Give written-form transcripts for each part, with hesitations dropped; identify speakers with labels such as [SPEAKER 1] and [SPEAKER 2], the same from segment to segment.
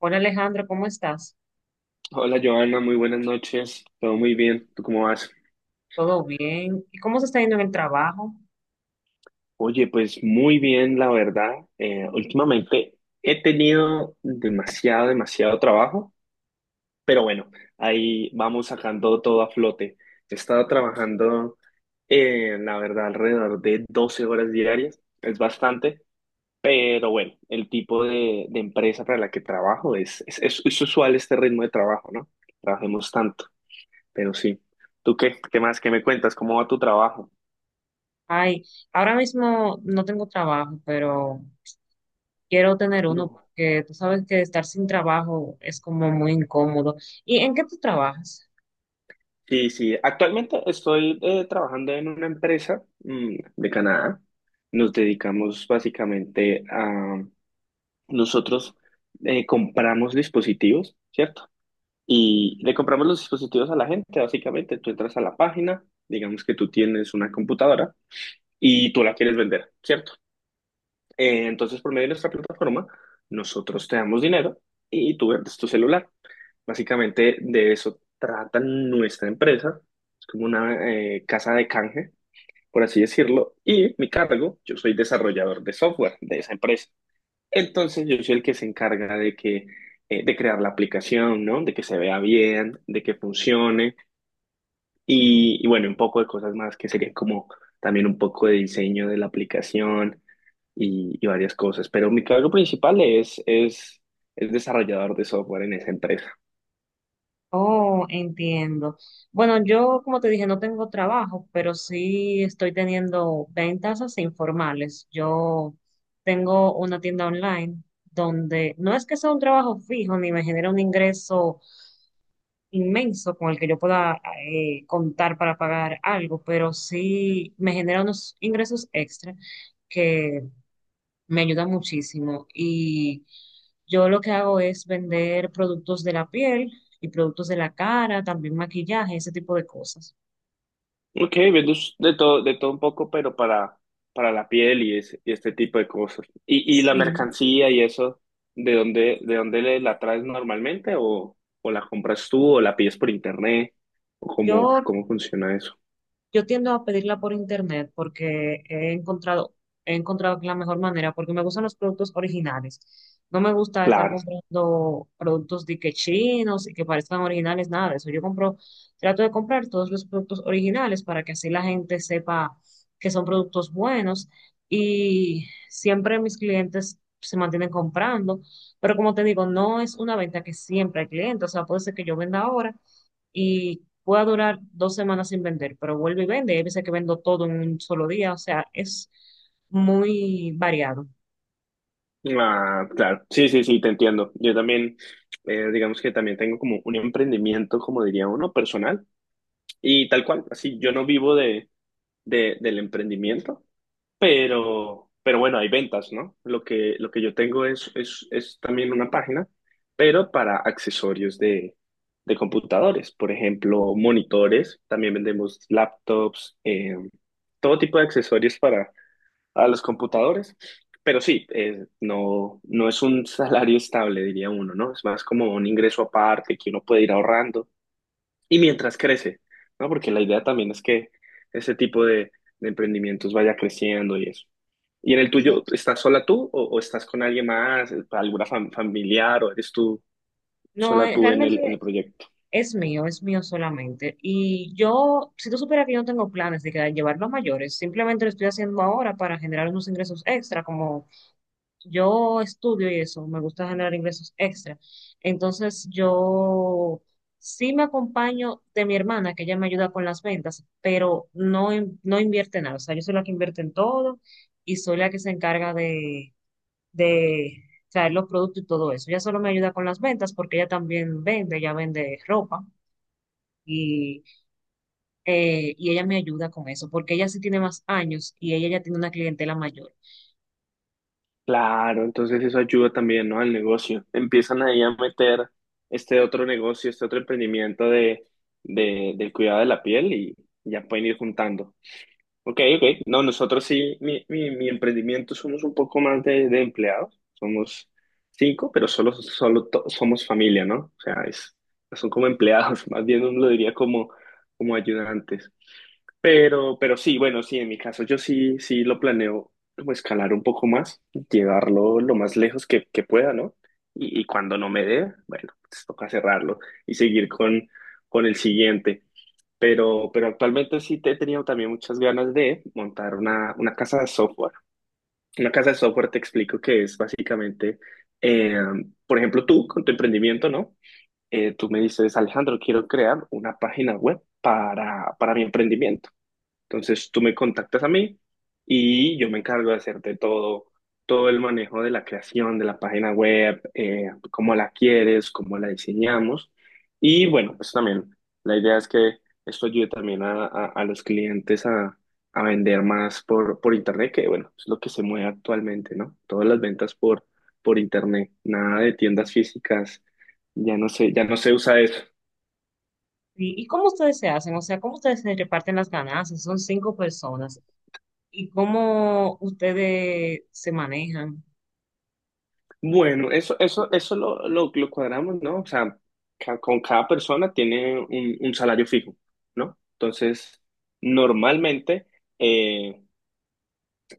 [SPEAKER 1] Hola Alejandro, ¿cómo estás?
[SPEAKER 2] Hola Joana, muy buenas noches. Todo muy bien. ¿Tú cómo vas?
[SPEAKER 1] ¿Todo bien? ¿Y cómo se está yendo en el trabajo?
[SPEAKER 2] Oye, pues muy bien, la verdad. Últimamente he tenido demasiado trabajo, pero bueno, ahí vamos sacando todo a flote. He estado trabajando, la verdad, alrededor de 12 horas diarias. Es bastante, pero bueno, el tipo de empresa para la que trabajo es usual este ritmo de trabajo, ¿no? Trabajemos tanto, pero sí. ¿Tú qué? ¿Qué más? ¿Qué me cuentas? ¿Cómo va tu trabajo?
[SPEAKER 1] Ay, ahora mismo no tengo trabajo, pero quiero tener uno
[SPEAKER 2] No.
[SPEAKER 1] porque tú sabes que estar sin trabajo es como muy incómodo. ¿Y en qué tú trabajas?
[SPEAKER 2] Sí, sí. Actualmente estoy trabajando en una empresa de Canadá. Nos dedicamos básicamente a nosotros compramos dispositivos, ¿cierto? Y le compramos los dispositivos a la gente, básicamente. Tú entras a la página, digamos que tú tienes una computadora y tú la quieres vender, ¿cierto? Entonces, por medio de nuestra plataforma, nosotros te damos dinero y tú vendes tu celular. Básicamente de eso trata nuestra empresa. Es como una casa de canje, por así decirlo. Y mi cargo, yo soy desarrollador de software de esa empresa. Entonces, yo soy el que se encarga de de crear la aplicación, ¿no? De que se vea bien, de que funcione, y bueno, un poco de cosas más que serían como también un poco de diseño de la aplicación y varias cosas. Pero mi cargo principal es desarrollador de software en esa empresa.
[SPEAKER 1] Oh, entiendo. Bueno, yo como te dije, no tengo trabajo, pero sí estoy teniendo ventas así informales. Yo tengo una tienda online donde no es que sea un trabajo fijo ni me genera un ingreso inmenso con el que yo pueda contar para pagar algo, pero sí me genera unos ingresos extra que me ayudan muchísimo. Y yo lo que hago es vender productos de la piel y productos de la cara, también maquillaje, ese tipo de cosas.
[SPEAKER 2] Ok, viendo de todo un poco, para la piel y este tipo de cosas. Y la
[SPEAKER 1] Sí,
[SPEAKER 2] mercancía y eso, ¿de dónde la traes normalmente? O la compras tú o la pides por internet? ¿O
[SPEAKER 1] yo
[SPEAKER 2] cómo, cómo funciona eso?
[SPEAKER 1] Yo tiendo a pedirla por internet porque he encontrado que es la mejor manera, porque me gustan los productos originales. No me gusta estar
[SPEAKER 2] Claro.
[SPEAKER 1] comprando productos de que chinos y que parezcan originales, nada de eso. Yo compro, trato de comprar todos los productos originales para que así la gente sepa que son productos buenos y siempre mis clientes se mantienen comprando, pero como te digo, no es una venta que siempre hay clientes, o sea, puede ser que yo venda ahora y pueda durar 2 semanas sin vender, pero vuelve y vende. Hay veces que vendo todo en un solo día, o sea, es muy variado.
[SPEAKER 2] Ah, claro, sí, sí, sí, te entiendo. Yo también, digamos que también tengo como un emprendimiento, como diría uno, personal y tal cual. Así, yo no vivo del emprendimiento, pero bueno, hay ventas, ¿no? Lo que yo tengo es también una página, pero para accesorios de computadores, por ejemplo, monitores, también vendemos laptops, todo tipo de accesorios a los computadores. Pero sí, no, no es un salario estable, diría uno, ¿no? Es más como un ingreso aparte que uno puede ir ahorrando y mientras crece, ¿no? Porque la idea también es que ese tipo de emprendimientos vaya creciendo y eso. ¿Y en el tuyo,
[SPEAKER 1] Exacto.
[SPEAKER 2] estás sola tú o estás con alguien más, alguna familiar o eres tú
[SPEAKER 1] No,
[SPEAKER 2] sola tú en
[SPEAKER 1] realmente
[SPEAKER 2] el proyecto?
[SPEAKER 1] es mío solamente. Y yo, si tú supieras que yo no tengo planes de llevarlo a mayores, simplemente lo estoy haciendo ahora para generar unos ingresos extra, como yo estudio y eso, me gusta generar ingresos extra. Entonces yo sí me acompaño de mi hermana, que ella me ayuda con las ventas, pero no, no invierte nada. O sea, yo soy la que invierte en todo y soy la que se encarga de traer los productos y todo eso. Ella solo me ayuda con las ventas porque ella también vende, ella vende ropa. Y, y ella me ayuda con eso, porque ella sí tiene más años y ella ya tiene una clientela mayor.
[SPEAKER 2] Claro, entonces eso ayuda también, ¿no? Al negocio. Empiezan ahí a meter este otro negocio, este otro emprendimiento del cuidado de la piel y ya pueden ir juntando. Ok, ok. No, nosotros sí, mi emprendimiento somos un poco más de empleados. Somos 5, pero somos familia, ¿no? O sea, es, son como empleados, más bien uno lo diría como, como ayudantes. Pero sí, bueno, sí, en mi caso yo sí, sí lo planeo como escalar un poco más, llevarlo lo más lejos que pueda, ¿no? Y cuando no me dé, bueno, pues toca cerrarlo y seguir con el siguiente. Pero actualmente sí te he tenido también muchas ganas de montar una casa de software. Una casa de software te explico que es básicamente, eh, por ejemplo, tú con tu emprendimiento, ¿no? Tú me dices, Alejandro, quiero crear una página web para mi emprendimiento. Entonces tú me contactas a mí y yo me encargo de hacerte todo, todo el manejo de la creación de la página web, cómo la quieres, cómo la diseñamos. Y bueno, pues también la idea es que esto ayude también a, a los clientes a vender más por internet, que bueno, es lo que se mueve actualmente, ¿no? Todas las ventas por internet, nada de tiendas físicas, ya no sé, ya no se usa eso.
[SPEAKER 1] Sí, ¿y cómo ustedes se hacen? O sea, ¿cómo ustedes se reparten las ganancias? Son 5 personas. ¿Y cómo ustedes se manejan?
[SPEAKER 2] Bueno, eso lo cuadramos, ¿no? O sea, con cada persona tiene un salario fijo, ¿no? Entonces, normalmente eh,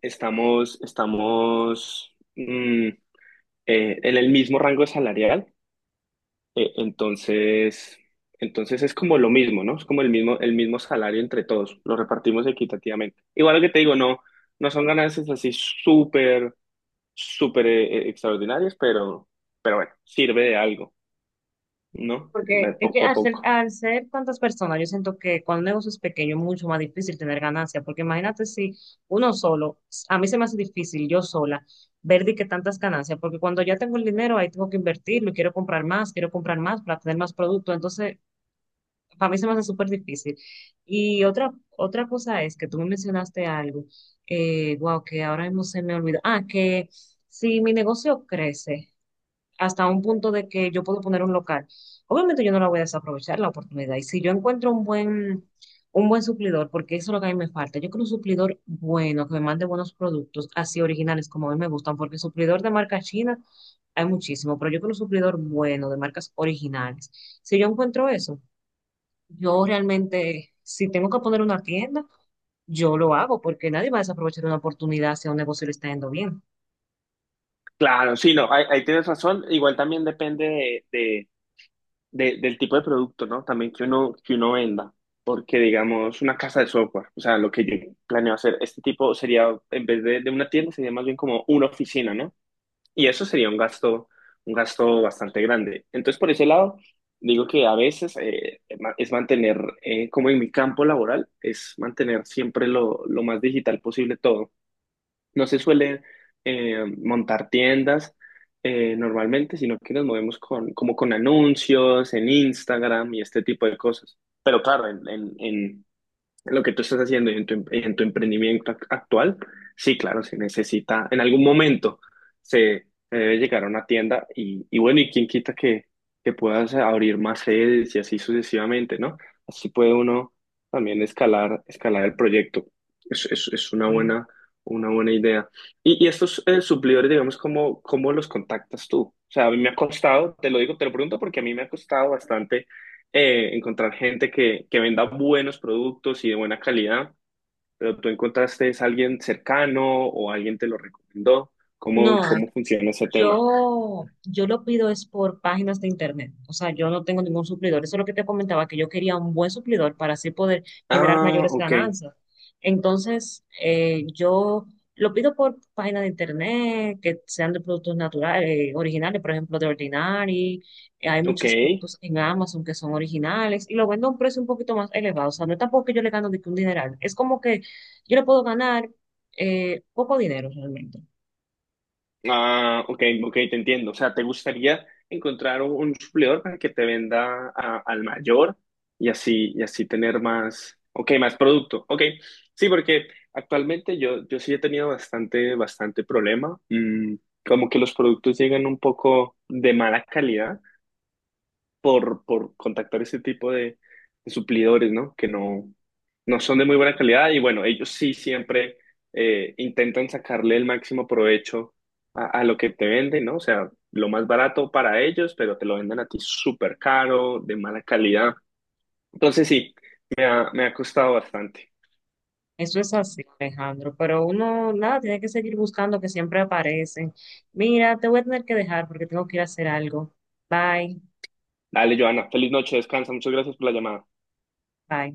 [SPEAKER 2] estamos en el mismo rango salarial, eh, entonces, entonces es como lo mismo, ¿no? Es como el mismo salario entre todos, lo repartimos equitativamente. Igual que te digo, no, no son ganancias así súper, súper extraordinarias, pero bueno, sirve de algo. ¿No? De
[SPEAKER 1] Porque es que
[SPEAKER 2] poco a poco.
[SPEAKER 1] al ser tantas personas, yo siento que cuando un negocio es pequeño es mucho más difícil tener ganancias, porque imagínate si uno solo, a mí se me hace difícil yo sola ver de qué tantas ganancias, porque cuando ya tengo el dinero ahí tengo que invertirlo, y quiero comprar más para tener más producto, entonces para mí se me hace súper difícil. Y otra cosa es que tú me mencionaste algo, wow, que ahora mismo se me olvidó. Ah, que si mi negocio crece hasta un punto de que yo puedo poner un local, obviamente yo no la voy a desaprovechar la oportunidad. Y si yo encuentro un buen suplidor, porque eso es lo que a mí me falta, yo quiero un suplidor bueno, que me mande buenos productos, así originales como a mí me gustan, porque suplidor de marca china hay muchísimo, pero yo quiero un suplidor bueno, de marcas originales. Si yo encuentro eso, yo realmente, si tengo que poner una tienda, yo lo hago porque nadie va a desaprovechar una oportunidad si a un negocio le está yendo bien.
[SPEAKER 2] Claro, sí, no, ahí, ahí tienes razón. Igual también depende del tipo de producto, ¿no? También que uno venda. Porque, digamos, una casa de software, o sea, lo que yo planeo hacer, este tipo sería, en vez de una tienda, sería más bien como una oficina, ¿no? Y eso sería un gasto bastante grande. Entonces, por ese lado, digo que a veces es mantener, como en mi campo laboral, es mantener siempre lo más digital posible todo. No se suele montar tiendas normalmente, sino que nos movemos con, como con anuncios en Instagram y este tipo de cosas. Pero claro, en lo que tú estás haciendo y en tu, en tu emprendimiento actual, sí, claro, se necesita, en algún momento se, se debe llegar a una tienda y bueno, y quién quita que puedas abrir más sedes y así sucesivamente, ¿no? Así puede uno también escalar, escalar el proyecto. Es
[SPEAKER 1] Mm.
[SPEAKER 2] una buena idea. Y estos suplidores, digamos, ¿cómo, cómo los contactas tú? O sea, a mí me ha costado, te lo digo, te lo pregunto porque a mí me ha costado bastante encontrar gente que venda buenos productos y de buena calidad, pero tú encontraste es alguien cercano o alguien te lo recomendó.
[SPEAKER 1] No,
[SPEAKER 2] ¿Cómo, cómo funciona ese tema?
[SPEAKER 1] Yo lo pido es por páginas de internet, o sea, yo no tengo ningún suplidor. Eso es lo que te comentaba, que yo quería un buen suplidor para así poder generar
[SPEAKER 2] Ah,
[SPEAKER 1] mayores
[SPEAKER 2] ok,
[SPEAKER 1] ganancias. Entonces, yo lo pido por páginas de internet que sean de productos naturales, originales, por ejemplo, de Ordinary. Hay
[SPEAKER 2] ok.
[SPEAKER 1] muchos productos en Amazon que son originales y lo vendo a un precio un poquito más elevado. O sea, no es tampoco que yo le gano de que un dineral, es como que yo le puedo ganar poco dinero realmente.
[SPEAKER 2] Ah, ok, ok, te entiendo. O sea, ¿te gustaría encontrar un suplidor para que te venda al mayor y así tener más, ok, más producto? Ok, sí, porque actualmente yo, yo sí he tenido bastante, bastante problema. Mm, como que los productos llegan un poco de mala calidad por contactar ese tipo de suplidores, ¿no? Que no, no son de muy buena calidad y bueno, ellos sí siempre intentan sacarle el máximo provecho a lo que te venden, ¿no? O sea, lo más barato para ellos, pero te lo venden a ti súper caro, de mala calidad. Entonces sí, me ha costado bastante.
[SPEAKER 1] Eso es así, Alejandro, pero uno, nada, tiene que seguir buscando que siempre aparecen. Mira, te voy a tener que dejar porque tengo que ir a hacer algo. Bye,
[SPEAKER 2] Dale, Joana, feliz noche, descansa, muchas gracias por la llamada.
[SPEAKER 1] bye.